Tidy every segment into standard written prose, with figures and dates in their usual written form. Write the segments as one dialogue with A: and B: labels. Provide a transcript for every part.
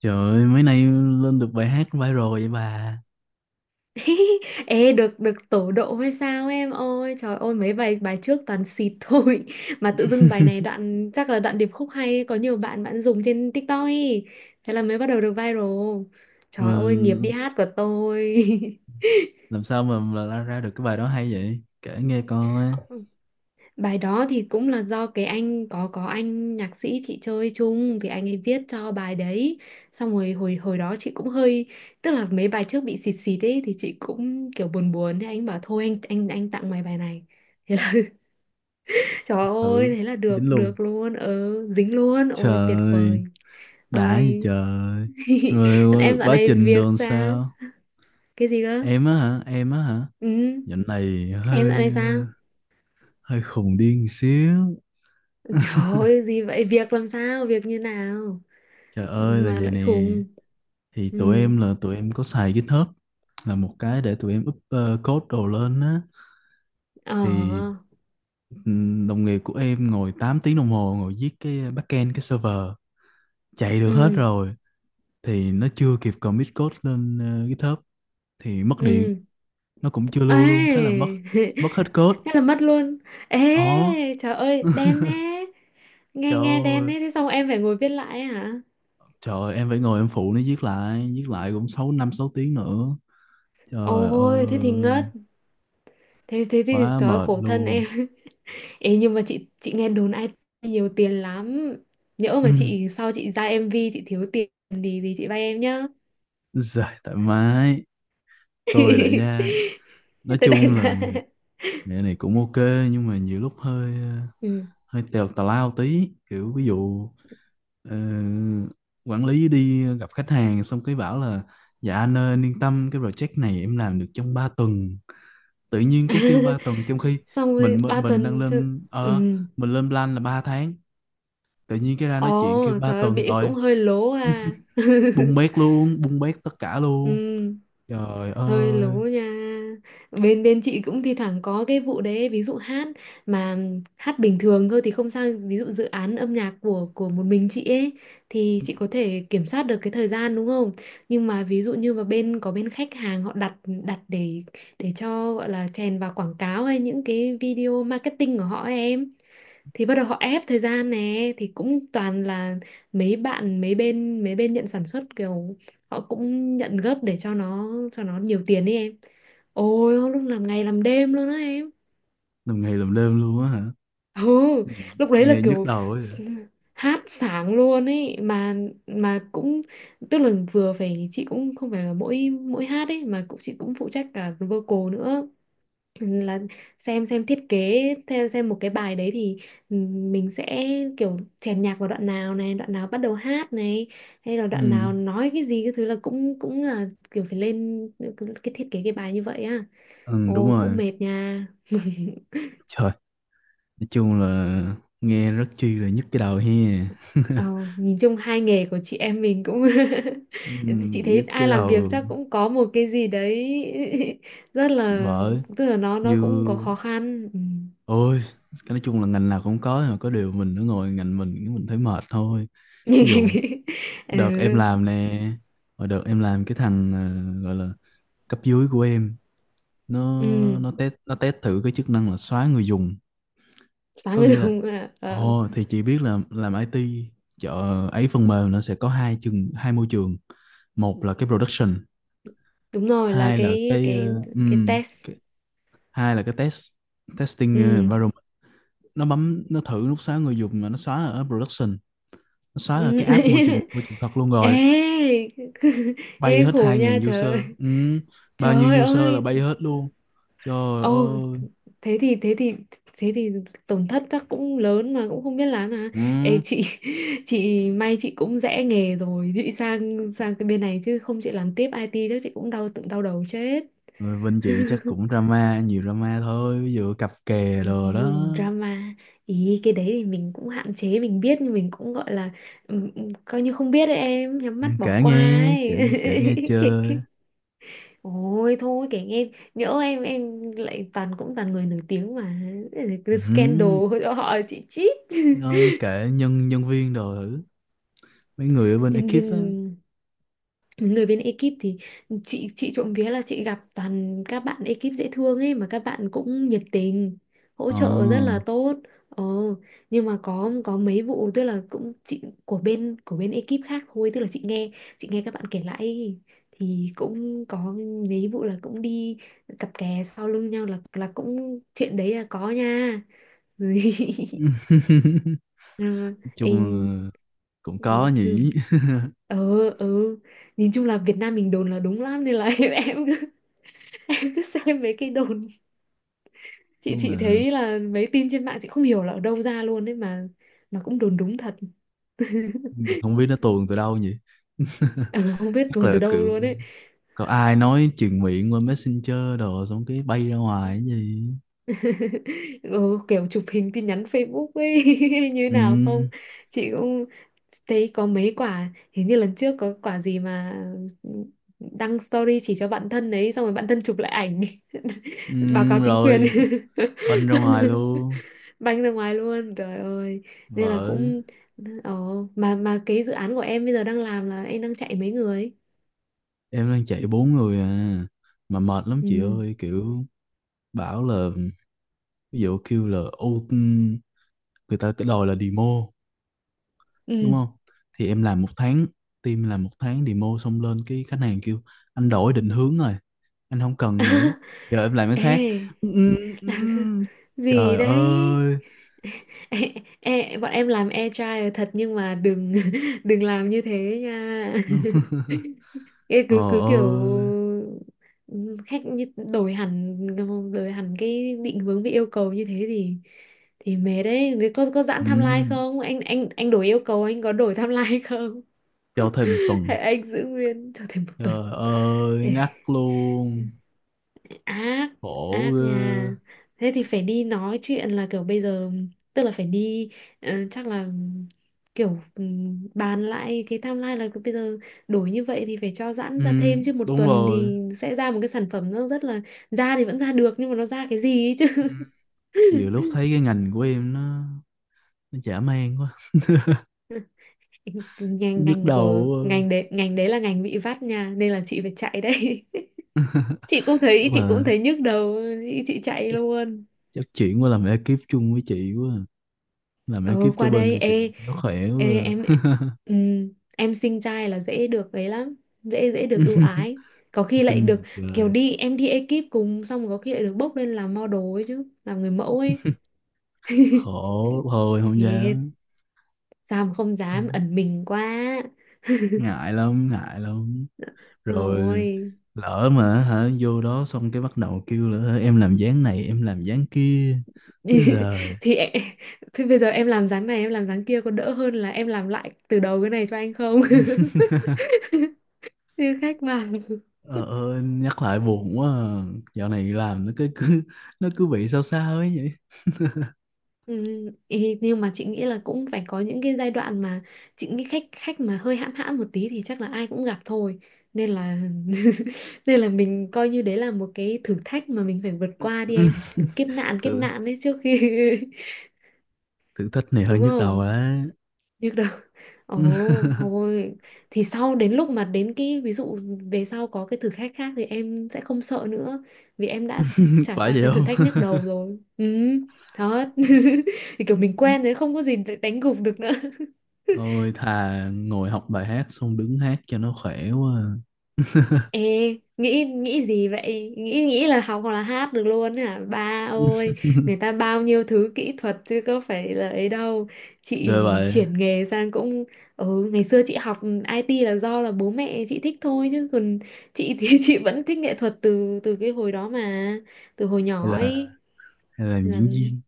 A: Trời ơi, mấy nay lên được bài hát viral vậy bà.
B: Ê, được được tổ độ hay sao em ơi? Trời ơi, mấy bài bài trước toàn xịt thôi. Mà tự dưng bài này đoạn, chắc là đoạn điệp khúc hay, có nhiều bạn bạn dùng trên TikTok ấy. Thế là mới bắt đầu được viral. Trời
A: Mà
B: ơi, nghiệp đi hát của tôi.
A: làm sao mà là ra ra được cái bài đó hay vậy? Kể nghe coi.
B: Bài đó thì cũng là do cái anh, có anh nhạc sĩ chị chơi chung, thì anh ấy viết cho bài đấy. Xong rồi hồi hồi đó chị cũng hơi, tức là mấy bài trước bị xịt xịt ấy, thì chị cũng kiểu buồn buồn. Thế anh bảo thôi, anh tặng mày bài này. Thế là, trời
A: Ừ,
B: ơi, thế là
A: dính
B: được,
A: luôn.
B: được luôn, ừ, dính luôn, ôi tuyệt
A: Trời,
B: vời.
A: đã gì
B: Ôi.
A: trời.
B: Còn
A: Rồi
B: em dạo
A: quá
B: này
A: trình
B: việc
A: đồn
B: sao?
A: sao?
B: Cái gì cơ?
A: Em á hả? Em á hả?
B: Ừ,
A: Dạo này
B: em dạo này
A: hơi
B: sao?
A: hơi khùng điên xíu.
B: Trời ơi, gì vậy? Việc làm sao? Việc như nào?
A: Trời ơi là
B: Mà
A: vậy
B: lại
A: nè.
B: khùng.
A: Thì
B: Ừ,
A: tụi em có xài GitHub, là một cái để tụi em up code đồ lên á. Thì
B: ờ,
A: đồng nghiệp của em ngồi 8 tiếng đồng hồ ngồi viết cái backend, cái server chạy được hết
B: ừ,
A: rồi thì nó chưa kịp commit code lên GitHub thì mất điện,
B: ừ.
A: nó cũng chưa lưu luôn, thế là mất
B: Ê.
A: mất hết code.
B: Thế là mất luôn.
A: Ồ.
B: Ê, trời ơi, đen thế.
A: Trời
B: Nghe nghe
A: ơi,
B: đen thế, thế xong em phải ngồi viết lại hả?
A: trời ơi, em phải ngồi em phụ nó viết lại, viết lại cũng 6 tiếng nữa. Trời
B: Ôi, thế thì
A: ơi,
B: ngất. Thế thế thì
A: quá
B: trời ơi,
A: mệt
B: khổ thân
A: luôn.
B: em. Ê, nhưng mà chị nghe đồn ai nhiều tiền lắm, nhỡ mà
A: Ừ.
B: chị sau chị ra MV chị thiếu tiền thì chị vay em nhá.
A: Dạ, thoải mái, tôi đại gia. Nói
B: Tới đây
A: chung là
B: ra,
A: nghề này cũng ok, nhưng mà nhiều lúc hơi
B: ừ.
A: hơi tèo, tào lao tí, kiểu ví dụ ờ, quản lý đi gặp khách hàng xong cái bảo là: "Dạ anh ơi, anh yên tâm, cái project này em làm được trong 3 tuần". Tự nhiên cái kêu 3 tuần, trong khi
B: Xong rồi
A: mình mình,
B: ba
A: mình đang
B: tuần chứ.
A: lên
B: Ừ.
A: mình lên plan là 3 tháng, tự nhiên cái ra
B: Ồ,
A: nói chuyện kêu 3
B: trời ơi,
A: tuần
B: bị cũng
A: rồi,
B: hơi lố à.
A: bung bét luôn, bung bét tất cả
B: Ừ.
A: luôn. Trời
B: Hơi lố
A: ơi,
B: nha. Bên bên chị cũng thi thoảng có cái vụ đấy, ví dụ hát, mà hát bình thường thôi thì không sao. Ví dụ dự án âm nhạc của một mình chị ấy thì chị có thể kiểm soát được cái thời gian, đúng không? Nhưng mà ví dụ như mà bên có bên khách hàng họ đặt đặt để cho gọi là chèn vào quảng cáo hay những cái video marketing của họ ấy em, thì bắt đầu họ ép thời gian nè, thì cũng toàn là mấy bên nhận sản xuất, kiểu họ cũng nhận gấp để cho nó nhiều tiền ấy em. Ôi, lúc làm ngày làm đêm luôn á em.
A: làm ngày làm đêm luôn á hả?
B: Ừ.
A: Gì,
B: Lúc đấy là
A: nghe nhức
B: kiểu
A: đầu ấy.
B: s- hát sáng luôn ấy mà. Mà cũng, tức là vừa phải, chị cũng không phải là mỗi mỗi hát ấy mà cũng, chị cũng phụ trách cả vocal nữa. Ừ, là xem thiết kế theo xem một cái bài đấy thì mình sẽ kiểu chèn nhạc vào đoạn nào này, đoạn nào bắt đầu hát này, hay là
A: Ừ,
B: đoạn nào nói cái gì, cái thứ là cũng cũng là kiểu phải lên cái thiết kế cái bài như vậy á.
A: ừ đúng
B: Ồ, cũng
A: rồi.
B: mệt nha.
A: Trời. Nói chung là nghe rất chi là nhức cái đầu he.
B: ờ, Nhìn chung hai nghề của chị em mình cũng chị thấy
A: Nhức
B: ai
A: cái
B: làm việc
A: đầu,
B: chắc cũng có một cái gì đấy rất là,
A: bởi
B: tức là nó
A: như
B: cũng có khó khăn. Ừ.
A: ôi, cái nói chung là ngành nào cũng có, nhưng mà có điều mình nó ngồi ngành mình cái mình thấy mệt thôi. Ví dụ
B: Ừ.
A: đợt em làm nè, và đợt em làm, cái thằng gọi là cấp dưới của em, nó
B: Ừ.
A: nó test, nó test thử cái chức năng là xóa người dùng.
B: Phá
A: Có
B: người
A: nghĩa là,
B: dùng à? Ờ,
A: ồ thì chị biết là làm IT, chợ ấy, phần mềm nó sẽ có hai môi trường. Một là cái production,
B: Đúng rồi, là
A: hai là
B: cái
A: cái ờ,
B: cái cái
A: ừm,
B: test.
A: cái, hai là cái test, testing
B: Ừ.
A: environment. Nó bấm, nó thử, nó xóa người dùng mà nó xóa ở production, nó xóa ở
B: Ừ.
A: cái app môi trường môi trường thật luôn
B: Ê.
A: rồi, bay
B: Nghe
A: hết
B: khổ
A: hai
B: nha
A: 000 user.
B: trời
A: Ừm, bao
B: trời
A: nhiêu user là
B: ơi.
A: bay hết luôn. Trời
B: Ồ,
A: ơi.
B: thế thì thế thì thế thì tổn thất chắc cũng lớn, mà cũng không biết làm à. Ê
A: Ừm,
B: chị, chị may, chị cũng rẽ nghề rồi, chị sang sang cái bên này, chứ không chị làm tiếp IT chắc chị cũng đau, tự đau đầu chết.
A: rồi bên chị chắc cũng drama, nhiều drama thôi, ví dụ cặp kè
B: Thì,
A: đồ đó.
B: thì drama ý, cái đấy thì mình cũng hạn chế, mình biết nhưng mình cũng gọi là, coi như không biết đấy em, nhắm mắt bỏ
A: Kể
B: qua
A: nghe,
B: ấy.
A: kể, kể nghe chơi.
B: Kệ- Ôi thôi kể nghe, nhỡ em lại toàn cũng toàn người nổi tiếng mà. Cái scandal
A: Ừm,
B: cho họ chị chít.
A: ờ, kể nhân nhân viên đồ thử, mấy người ở bên
B: Nhân
A: ekip
B: viên,
A: á.
B: người bên ekip thì chị trộm vía là chị gặp toàn các bạn ekip dễ thương ấy, mà các bạn cũng nhiệt tình hỗ
A: Ờ.
B: trợ rất là tốt. Ờ, nhưng mà có mấy vụ, tức là cũng chị của bên ekip khác thôi, tức là chị nghe các bạn kể lại ấy, thì cũng có mấy vụ là cũng đi cặp kè sau lưng nhau, là cũng chuyện đấy là có nha. Ừ. Ê.
A: Chung là cũng
B: Ừ,
A: có
B: chứ.
A: nhỉ.
B: Ừ, ừ. Nhìn chung là Việt Nam mình đồn là đúng lắm, nên là, em cứ xem mấy cái đồn, chị
A: Chung là
B: chị thấy là mấy tin trên mạng chị không hiểu là ở đâu ra luôn ấy mà cũng đồn đúng thật.
A: không biết nó tuồn từ đâu nhỉ.
B: Ừ, không biết
A: Chắc
B: đồn
A: là
B: từ đâu
A: kiểu
B: luôn ấy.
A: có ai nói truyền miệng qua Messenger đồ, xong cái bay ra ngoài cái gì.
B: Ừ, kiểu chụp hình tin nhắn Facebook ấy, hay như
A: Ừ,
B: nào không? Chị cũng thấy có mấy quả, hình như lần trước có quả gì mà đăng story chỉ cho bạn thân đấy, xong rồi bạn thân chụp lại ảnh
A: ừ,
B: báo cáo chính quyền,
A: rồi banh ra ngoài luôn.
B: banh ra ngoài luôn, trời ơi. Nên là
A: Vợ.
B: cũng, ồ, mà cái dự án của em bây giờ đang làm là em đang chạy mấy người.
A: Em đang chạy bốn người à, mà mệt lắm chị
B: Ừ.
A: ơi, kiểu bảo là ví dụ kêu là, ô người ta cái đòi là demo đúng
B: Ừ.
A: không, thì em làm một tháng, team làm một tháng, demo xong lên cái khách hàng kêu: "Anh đổi định hướng rồi, anh không cần nữa, giờ em làm cái
B: Ê.
A: khác". Ừ, ừ,
B: Gì
A: trời
B: đấy.
A: ơi.
B: e, e, Bọn em làm agile thật nhưng mà đừng, đừng làm như thế nha. Ê,
A: Ờ,
B: cứ cứ kiểu
A: ơi.
B: khách như đổi hẳn, cái định hướng với yêu cầu như thế thì mệt đấy. Thế có giãn
A: Ừ,
B: timeline không? Anh đổi yêu cầu anh có đổi timeline không?
A: cho thêm tuần.
B: Hay anh giữ nguyên cho thêm một tuần?
A: Trời ơi
B: Ê,
A: ngắt luôn.
B: ác,
A: Khổ
B: ác
A: ghê.
B: nha. Thế thì phải đi nói chuyện là kiểu bây giờ, tức là phải đi, chắc là kiểu, bàn lại cái timeline là bây giờ đổi như vậy thì phải cho giãn ra
A: Ừ,
B: thêm, chứ một
A: đúng
B: tuần
A: rồi.
B: thì sẽ ra một cái sản phẩm nó rất là, ra thì vẫn ra được nhưng mà nó ra cái gì ấy chứ.
A: Nhiều lúc thấy cái ngành của em nó chả mang quá.
B: ngành
A: Nhức
B: ngành của
A: đầu
B: ngành đấy là ngành bị vắt nha, nên là chị phải chạy đấy. chị cũng
A: quá,
B: thấy
A: chắc
B: chị cũng
A: là
B: thấy nhức đầu. Chị chạy luôn.
A: chắc chuyển qua làm ekip chung với chị quá à. Làm
B: Ừ,
A: ekip cho
B: qua
A: bên
B: đây.
A: của chị
B: Ê,
A: nó khỏe
B: ê
A: quá.
B: em, ừ, em sinh trai là dễ được ấy lắm, dễ dễ được ưu ái, có khi lại
A: Xin
B: được,
A: gì
B: kiểu
A: trời.
B: đi em đi ekip cùng xong có khi lại được bốc lên làm model ấy chứ, làm người mẫu ấy.
A: Khổ thôi, không
B: Thì
A: dám,
B: sao mà không dám? Ẩn mình quá
A: ngại lắm, ngại lắm. Rồi
B: rồi.
A: lỡ mà hả vô đó xong cái bắt đầu kêu là "Ơ, em làm dáng này, em làm dáng kia bây giờ".
B: thì em- thì bây giờ em làm dáng này em làm dáng kia có đỡ hơn là em làm lại từ đầu cái này cho anh không? Như khách vào.
A: Ờ, ờ, nhắc lại buồn quá à. Dạo này làm nó cứ nó cứ bị sao sao ấy vậy.
B: Ừ, nhưng mà chị nghĩ là cũng phải có những cái giai đoạn mà, chị nghĩ khách khách mà hơi hãm hãm một tí thì chắc là ai cũng gặp thôi, nên là, nên là mình coi như đấy là một cái thử thách mà mình phải vượt qua đi em, kiểu kiếp
A: thử
B: nạn đấy trước khi
A: thử thách này hơi
B: đúng
A: nhức đầu
B: không?
A: đấy.
B: Biết đâu, ồ, thôi, thì sau đến lúc mà đến cái ví dụ về sau có cái thử thách khác thì em sẽ không sợ nữa, vì em đã
A: Phải
B: trải qua
A: vậy
B: cái thử
A: không?
B: thách nhức đầu rồi. Ừ, thật. Thì kiểu mình quen rồi, không có gì để đánh gục được nữa.
A: Ôi thà ngồi học bài hát xong đứng hát cho nó khỏe quá à.
B: Ê, nghĩ nghĩ gì vậy? Nghĩ nghĩ là học hoặc là hát được luôn hả? Ba ơi, người ta bao nhiêu thứ kỹ thuật chứ có phải là ấy đâu. Chị
A: Ghê vậy.
B: chuyển nghề sang cũng, ngày xưa chị học IT là do là bố mẹ chị thích thôi, chứ còn chị thì chị vẫn thích nghệ thuật từ từ cái hồi đó mà, từ hồi
A: Hay
B: nhỏ
A: là,
B: ấy.
A: làm diễn
B: Làm,
A: viên.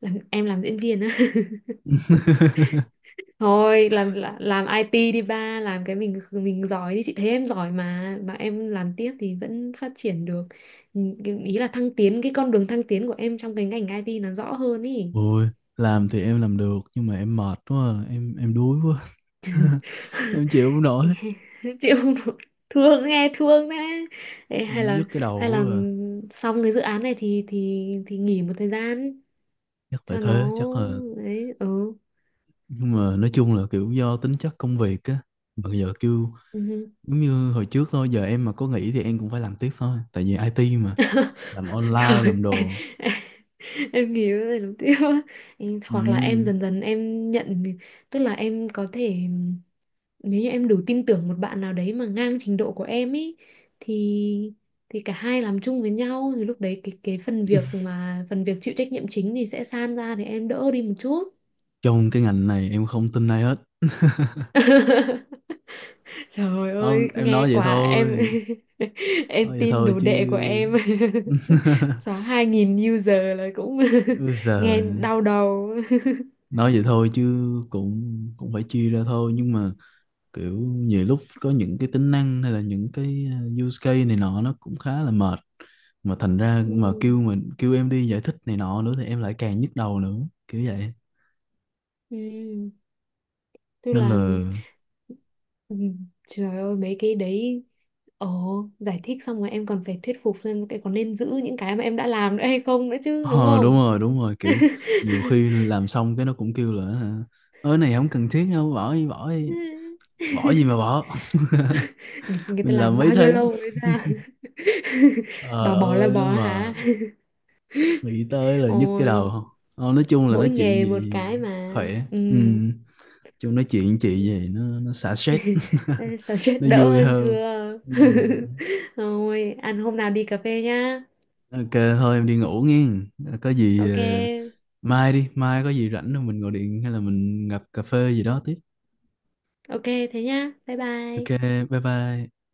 B: làm em làm diễn viên á. Thôi làm làm IT đi ba, làm cái mình giỏi đi, chị thấy em giỏi mà em làm tiếp thì vẫn phát triển được. Ừ, ý là thăng tiến, cái con đường thăng tiến của em trong cái ngành IT nó rõ hơn ý.
A: Ôi làm thì em làm được nhưng mà em mệt quá à. Em đuối quá. Em chịu không nổi,
B: Chịu không nổi. Thương, nghe thương đấy. Ê, hay
A: em
B: là
A: nhức cái đầu
B: hay là
A: quá à.
B: xong cái dự án này thì nghỉ một thời gian
A: Chắc phải
B: cho
A: thế,
B: nó,
A: chắc là,
B: đấy, ừ.
A: nhưng mà nói chung là kiểu do tính chất công việc á. Mà giờ kêu
B: Ừ.
A: giống như hồi trước thôi, giờ em mà có nghỉ thì em cũng phải làm tiếp thôi, tại vì IT mà, làm online làm
B: Trời, em,
A: đồ.
B: em, em nghĩ cái này đầu tiên á.
A: Ừ.
B: Hoặc là em dần dần em nhận, tức là em có thể, nếu như em đủ tin tưởng một bạn nào đấy mà ngang trình độ của em ý thì thì cả hai làm chung với nhau thì lúc đấy cái phần việc mà phần việc chịu trách nhiệm chính thì sẽ san ra thì em đỡ đi một chút.
A: Trong cái ngành này em không tin ai hết.
B: Trời
A: Không,
B: ơi,
A: em
B: nghe
A: nói vậy
B: quả em.
A: thôi,
B: Em
A: nói vậy
B: tin
A: thôi
B: đồ
A: chứ.
B: đệ của em. Xóa 2.000 user là cũng
A: Bây giờ
B: nghe đau đầu.
A: nói vậy thôi chứ, cũng cũng phải chia ra thôi, nhưng mà kiểu nhiều lúc có những cái tính năng hay là những cái use case này nọ nó cũng khá là mệt, mà thành ra mà
B: Ừ,
A: kêu mình, kêu em đi giải thích này nọ nữa thì em lại càng nhức đầu nữa, kiểu vậy
B: ừ, tức
A: nên
B: là
A: là.
B: ừ, trời ơi mấy cái đấy. Ồ, giải thích xong rồi em còn phải thuyết phục xem cái có nên giữ những cái mà em đã làm nữa hay không nữa chứ, đúng
A: Ờ đúng
B: không?
A: rồi, đúng rồi, kiểu nhiều khi làm xong cái nó cũng kêu là "Hả, ơi này không cần thiết đâu, bỏ đi, bỏ đi". Bỏ gì mà bỏ.
B: Người ta
A: Mình làm
B: làm
A: mấy
B: bao nhiêu
A: thế.
B: lâu mới ra. Bà
A: Ờ
B: bỏ là
A: ơi, nó
B: bỏ
A: mà
B: hả?
A: nghĩ tới là nhức cái đầu
B: Ôi,
A: không. Ờ, nói chung là
B: mỗi
A: nói chuyện
B: nghề một
A: gì
B: cái mà.
A: khỏe.
B: Ừ.
A: Ừ. Chung nói chuyện chị gì, nó xả stress.
B: Sao, chết
A: Nó
B: đỡ
A: vui
B: hơn
A: hơn.
B: chưa?
A: Ừ.
B: Thôi ăn hôm nào đi cà phê nhá.
A: Ok thôi em đi ngủ nghe, có gì
B: Ok.
A: mai đi, mai có gì rảnh rồi mình gọi điện hay là mình gặp cà phê gì đó tiếp.
B: Ok. Thế nhá, bye
A: Ok,
B: bye.
A: bye bye.